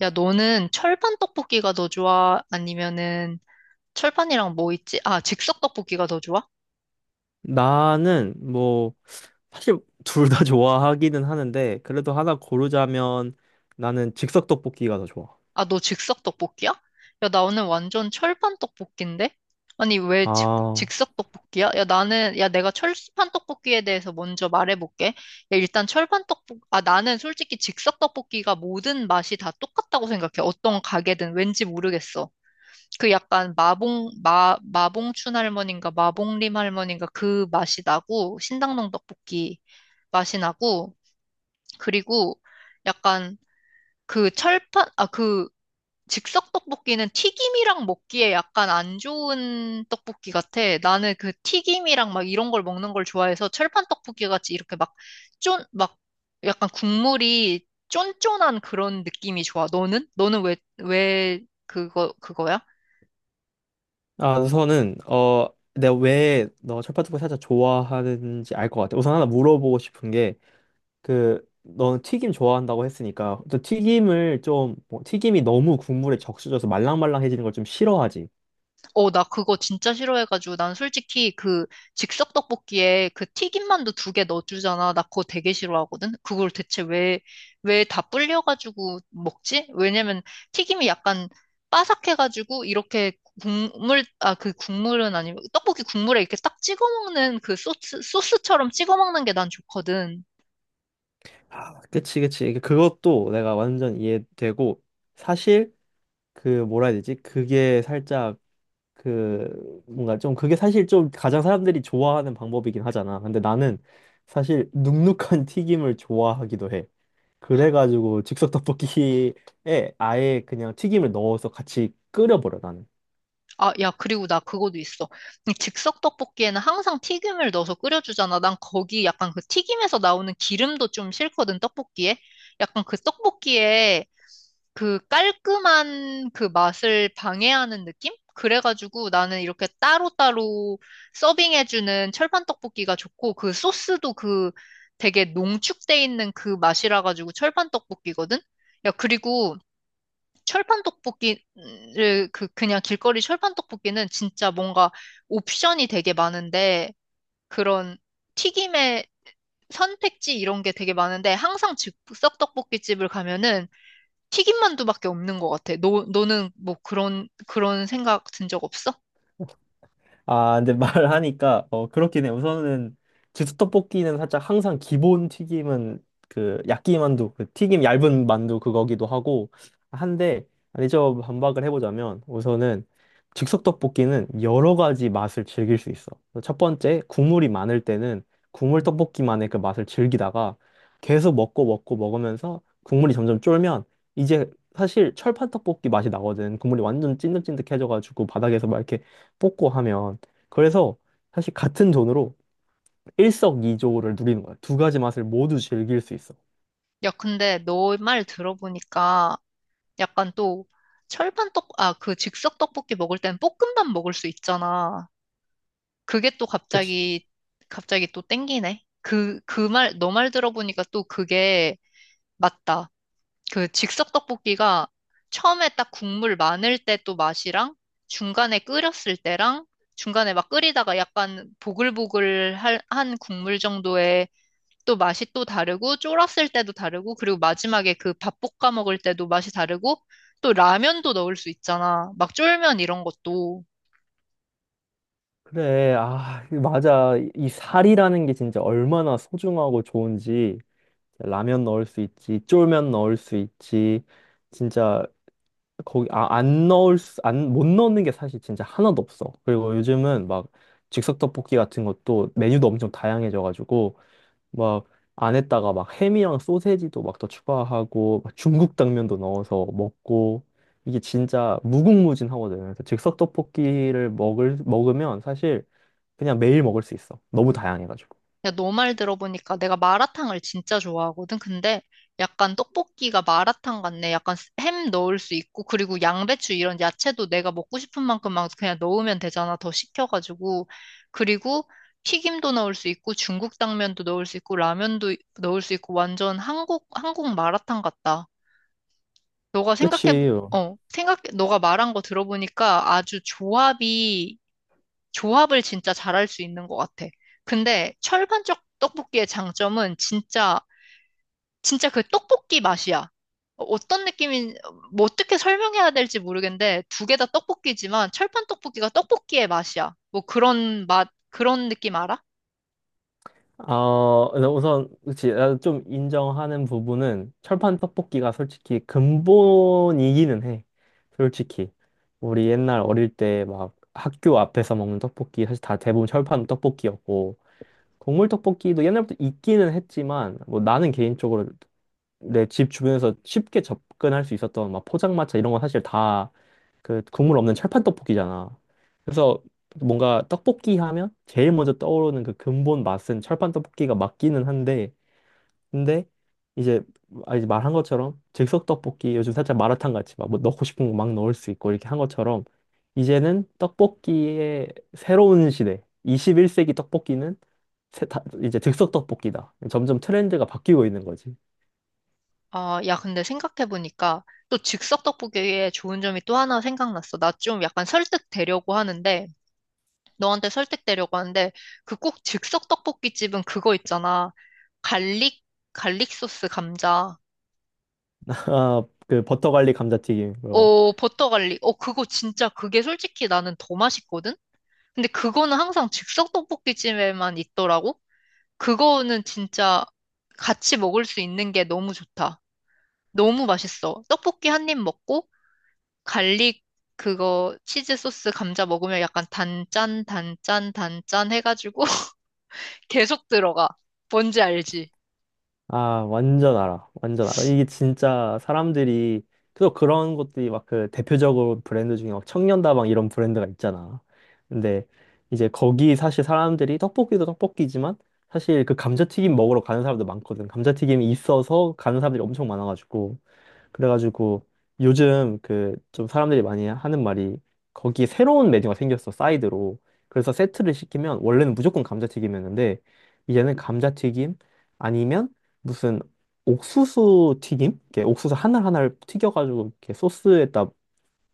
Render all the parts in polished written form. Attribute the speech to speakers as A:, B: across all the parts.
A: 야, 너는 철판 떡볶이가 더 좋아? 아니면은 철판이랑 뭐 있지? 아, 즉석 떡볶이가 더 좋아?
B: 나는 뭐 사실 둘 다 좋아하기는 하는데 그래도 하나 고르자면 나는 즉석 떡볶이가 더 좋아.
A: 아, 너 즉석 떡볶이야? 야, 나 오늘 완전 철판 떡볶인데? 아니, 왜 즉,
B: 아,
A: 즉석 떡볶이야? 야, 내가 철판 떡볶이에 대해서 먼저 말해볼게. 야, 일단 나는 솔직히 즉석 떡볶이가 모든 맛이 다 똑같다고 생각해. 어떤 가게든 왠지 모르겠어. 그 약간 마봉춘 할머니인가 마봉림 할머니인가 그 맛이 나고, 신당동 떡볶이 맛이 나고, 그리고 약간 그 즉석 떡볶이는 튀김이랑 먹기에 약간 안 좋은 떡볶이 같아. 나는 그 튀김이랑 막 이런 걸 먹는 걸 좋아해서 철판 떡볶이 같이 이렇게 막 쫀, 막 약간 국물이 쫀쫀한 그런 느낌이 좋아. 너는? 너는 왜 그거야?
B: 우선은 내가 왜 너 철밥떡볶이 살짝 좋아하는지 알 것 같아. 우선 하나 물어보고 싶은 게 그너 튀김 좋아한다고 했으니까 너 튀김을 좀뭐 튀김이 너무 국물에 적셔져서 말랑말랑해지는 걸 좀 싫어하지.
A: 어, 나 그거 진짜 싫어해가지고 난 솔직히 그 즉석 떡볶이에 그 튀김만두 2개 넣어주잖아. 나 그거 되게 싫어하거든. 그걸 대체 왜 다 불려가지고 먹지? 왜냐면 튀김이 약간 바삭해가지고 이렇게 그 국물은 아니고 떡볶이 국물에 이렇게 딱 찍어 먹는 그 소스처럼 찍어 먹는 게 난 좋거든.
B: 아, 그치. 그것도 내가 완전 이해되고 사실 그 뭐라 해야 되지? 그게 살짝 그 뭔가 좀 그게 사실 좀 가장 사람들이 좋아하는 방법이긴 하잖아. 근데 나는 사실 눅눅한 튀김을 좋아하기도 해. 그래가지고 즉석 떡볶이에 아예 그냥 튀김을 넣어서 같이 끓여버려 나는.
A: 아, 야, 그리고 나 그것도 있어. 이 즉석 떡볶이에는 항상 튀김을 넣어서 끓여주잖아. 난 거기 약간 그 튀김에서 나오는 기름도 좀 싫거든, 떡볶이에. 약간 그 떡볶이에 그 깔끔한 그 맛을 방해하는 느낌? 그래가지고 나는 이렇게 따로따로 서빙해주는 철판 떡볶이가 좋고 그 소스도 그 되게 농축돼 있는 그 맛이라 가지고 철판 떡볶이거든? 야, 그리고 철판 떡볶이를 그 그냥 길거리 철판 떡볶이는 진짜 뭔가 옵션이 되게 많은데 그런 튀김의 선택지 이런 게 되게 많은데 항상 즉석 떡볶이 집을 가면은 튀김만두밖에 없는 것 같아. 너 너는 뭐 그런 생각 든 적 없어?
B: 아, 근데 말하니까 어 그렇긴 해. 우선은 즉석떡볶이는 살짝 항상 기본 튀김은 그 야끼만두, 그 튀김 얇은 만두 그거기도 하고 한데 아니 저 반박을 해보자면 우선은 즉석떡볶이는 여러 가지 맛을 즐길 수 있어. 첫 번째 국물이 많을 때는 국물 떡볶이만의 그 맛을 즐기다가 계속 먹고 먹으면서 국물이 점점 쫄면 이제 사실 철판 떡볶이 맛이 나거든. 국물이 완전 찐득찐득해져가지고 바닥에서 막 이렇게 뽑고 하면 그래서 사실 같은 돈으로 일석이조를 누리는 거야. 두 가지 맛을 모두 즐길 수 있어.
A: 야, 근데 너 말 들어보니까 약간 또 그 즉석 떡볶이 먹을 땐 볶음밥 먹을 수 있잖아. 그게 또
B: 그치?
A: 갑자기 또 땡기네. 너 말 들어보니까 또 그게 맞다. 그 즉석 떡볶이가 처음에 딱 국물 많을 때 또 맛이랑 중간에 끓였을 때랑 중간에 막 끓이다가 약간 보글보글 한 국물 정도의 또 맛이 또 다르고 쫄았을 때도 다르고 그리고 마지막에 그 밥 볶아 먹을 때도 맛이 다르고 또 라면도 넣을 수 있잖아. 막 쫄면 이런 것도.
B: 그래, 아, 맞아. 이 살이라는 게 진짜 얼마나 소중하고 좋은지. 라면 넣을 수 있지, 쫄면 넣을 수 있지. 진짜 거기 아, 안 넣을 수, 안, 못 넣는 게 사실 진짜 하나도 없어. 그리고 요즘은 막 즉석 떡볶이 같은 것도 메뉴도 엄청 다양해져가지고 막 안에다가 막 햄이랑 소세지도 막 더 추가하고 막 중국 당면도 넣어서 먹고 이게 진짜 무궁무진하거든요. 그래서 즉석 떡볶이를 먹을 먹으면 사실 그냥 매일 먹을 수 있어. 너무 다양해가지고.
A: 야, 너 말 들어보니까 내가 마라탕을 진짜 좋아하거든. 근데 약간 떡볶이가 마라탕 같네. 약간 햄 넣을 수 있고, 그리고 양배추 이런 야채도 내가 먹고 싶은 만큼 막 그냥 넣으면 되잖아. 더 식혀가지고. 그리고 튀김도 넣을 수 있고, 중국 당면도 넣을 수 있고, 라면도 넣을 수 있고, 완전 한국 마라탕 같다. 너가 생각해,
B: 그치.
A: 어, 생각, 너가 말한 거 들어보니까 아주 조합이 조합을 진짜 잘할 수 있는 것 같아. 근데 철판적 떡볶이의 장점은 진짜 그 떡볶이 맛이야. 어, 어떤 느낌인, 뭐 어떻게 설명해야 될지 모르겠는데, 2개 다 떡볶이지만 철판 떡볶이가 떡볶이의 맛이야. 뭐 그런 맛, 그런 느낌 알아?
B: 어, 근데 우선 그치. 나도 좀 인정하는 부분은 철판 떡볶이가 솔직히 근본이기는 해. 솔직히 우리 옛날 어릴 때 막 학교 앞에서 먹는 떡볶이 사실 다 대부분 철판 떡볶이였고. 국물 떡볶이도 옛날부터 있기는 했지만 뭐 나는 개인적으로 내 집 주변에서 쉽게 접근할 수 있었던 막 포장마차 이런 건 사실 다 그 국물 없는 철판 떡볶이잖아. 그래서 뭔가 떡볶이 하면 제일 먼저 떠오르는 그 근본 맛은 철판 떡볶이가 맞기는 한데 근데 이제 아, 이제 말한 것처럼 즉석 떡볶이 요즘 살짝 마라탕 같이 막 뭐 넣고 싶은 거 막 넣을 수 있고 이렇게 한 것처럼 이제는 떡볶이의 새로운 시대 21세기 떡볶이는 새- 다- 이제 즉석 떡볶이다. 점점 트렌드가 바뀌고 있는 거지.
A: 아, 야, 근데 생각해보니까 또 즉석 떡볶이의 좋은 점이 또 하나 생각났어. 나 좀 약간 설득되려고 하는데, 너한테 설득되려고 하는데 그 꼭 즉석 떡볶이집은 그거 있잖아. 갈릭 갈릭 소스 감자.
B: 아, 그 버터 갈릭 감자튀김
A: 어, 버터 갈릭. 어, 그거 진짜 그게 솔직히 나는 더 맛있거든. 근데 그거는 항상 즉석 떡볶이집에만 있더라고. 그거는 진짜 같이 먹을 수 있는 게 너무 좋다. 너무 맛있어. 떡볶이 한 입 먹고 갈릭 그거 치즈 소스 감자 먹으면 약간 단짠 단짠 단짠 해가지고 계속 들어가. 뭔지 알지?
B: 아, 완전 알아. 이게 진짜 사람들이, 또 그런 것들이 막 그 대표적으로 브랜드 중에 막 청년다방 이런 브랜드가 있잖아. 근데 이제 거기 사실 사람들이 떡볶이도 떡볶이지만 사실 그 감자튀김 먹으러 가는 사람도 많거든. 감자튀김이 있어서 가는 사람들이 엄청 많아가지고. 그래가지고 요즘 그 좀 사람들이 많이 하는 말이 거기에 새로운 메뉴가 생겼어, 사이드로. 그래서 세트를 시키면 원래는 무조건 감자튀김이었는데 이제는 감자튀김 아니면 무슨 옥수수 튀김? 이렇게 옥수수 하나하나를 튀겨가지고 이렇게 소스에다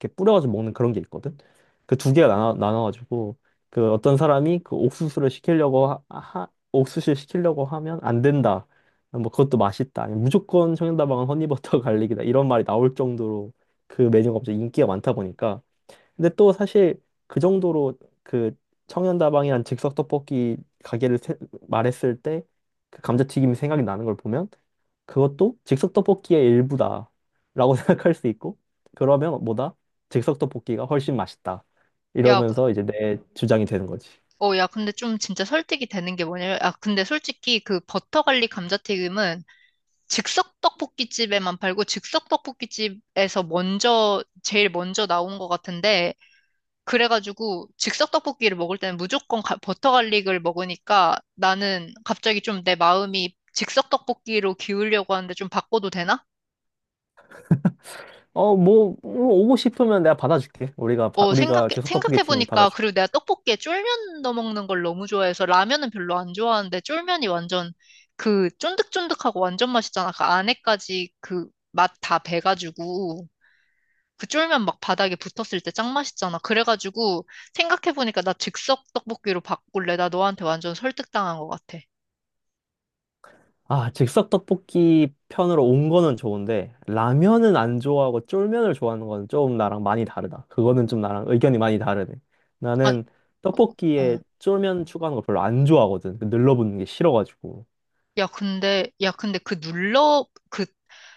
B: 이렇게 뿌려가지고 먹는 그런 게 있거든. 그 두 개가 나눠가지고 그 어떤 사람이 그 옥수수를 옥수수를 시키려고 하면 안 된다. 뭐 그것도 맛있다. 아니면 무조건 청양다방은 허니버터 갈릭이다. 이런 말이 나올 정도로 그 메뉴가 갑자기 인기가 많다 보니까 근데 또 사실 그 정도로 그 청년다방이란 즉석 떡볶이 가게를 세- 말했을 때 그 감자튀김이 생각이 나는 걸 보면 그것도 즉석 떡볶이의 일부다라고 생각할 수 있고 그러면 뭐다? 즉석 떡볶이가 훨씬 맛있다.
A: 야,
B: 이러면서 이제 내 주장이 되는 거지.
A: 야, 근데 좀 진짜 설득이 되는 게 뭐냐면, 아, 근데 솔직히 그 버터 갈릭 감자튀김은 즉석 떡볶이집에만 팔고 즉석 떡볶이집에서 먼저 제일 먼저 나온 것 같은데 그래가지고 즉석 떡볶이를 먹을 때는 무조건 버터 갈릭을 먹으니까 나는 갑자기 좀 내 마음이 즉석 떡볶이로 기울려고 하는데 좀 바꿔도 되나?
B: 어, 뭐 오고 싶으면 내가 받아줄게. 우리가 바-
A: 어,
B: 우리가 즉석 떡볶이 팀이
A: 생각해보니까,
B: 받아줄게.
A: 그리고 내가 떡볶이에 쫄면 넣어 먹는 걸 너무 좋아해서 라면은 별로 안 좋아하는데, 쫄면이 완전 그 쫀득쫀득하고 완전 맛있잖아. 그 안에까지 그 맛 다 배가지고, 그 쫄면 막 바닥에 붙었을 때 짱 맛있잖아. 그래가지고, 생각해보니까 나 즉석 떡볶이로 바꿀래. 나 너한테 완전 설득당한 것 같아.
B: 아, 즉석 떡볶이 편으로 온 거는 좋은데, 라면은 안 좋아하고 쫄면을 좋아하는 건 좀 나랑 많이 다르다. 그거는 좀 나랑 의견이 많이 다르네.
A: 아,
B: 나는
A: 어,
B: 떡볶이에
A: 어.
B: 쫄면 추가하는 걸 별로 안 좋아하거든. 그 늘러붙는 게 싫어가지고.
A: 야, 근데, 야, 근데 그 눌러, 그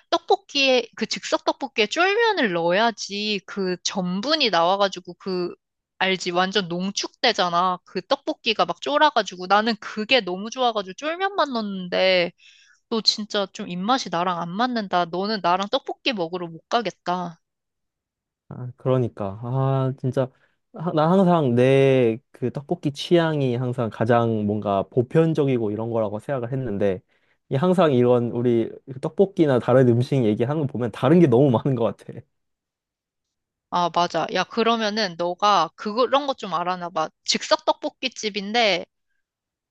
A: 떡볶이에, 그 즉석 떡볶이에 쫄면을 넣어야지 그 전분이 나와가지고 그, 알지? 완전 농축되잖아. 그 떡볶이가 막 쫄아가지고. 나는 그게 너무 좋아가지고 쫄면만 넣었는데, 너 진짜 좀 입맛이 나랑 안 맞는다. 너는 나랑 떡볶이 먹으러 못 가겠다.
B: 아, 그러니까. 아, 진짜. 하- 나 항상 내 그 떡볶이 취향이 항상 가장 뭔가 보편적이고 이런 거라고 생각을 했는데, 이 항상 이런 우리 그 떡볶이나 다른 음식 얘기하는 거 보면 다른 게 너무 많은 것 같아.
A: 아, 맞아. 야, 그러면은 너가 그런 거 좀 알아놔봐. 즉석 떡볶이집인데,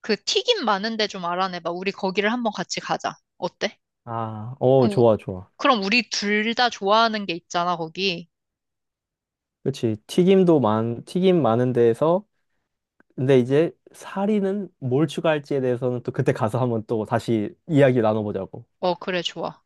A: 그 튀김 많은데 좀 알아내봐. 우리 거기를 한번 같이 가자. 어때?
B: 아, 어,
A: 그럼,
B: 좋아.
A: 그럼 우리 둘 다 좋아하는 게 있잖아, 거기.
B: 그렇지. 튀김 많은 데에서, 근데 이제 사리는 뭘 추가할지에 대해서는 또 그때 가서 한번 또 다시 이야기 나눠보자고.
A: 어, 그래, 좋아.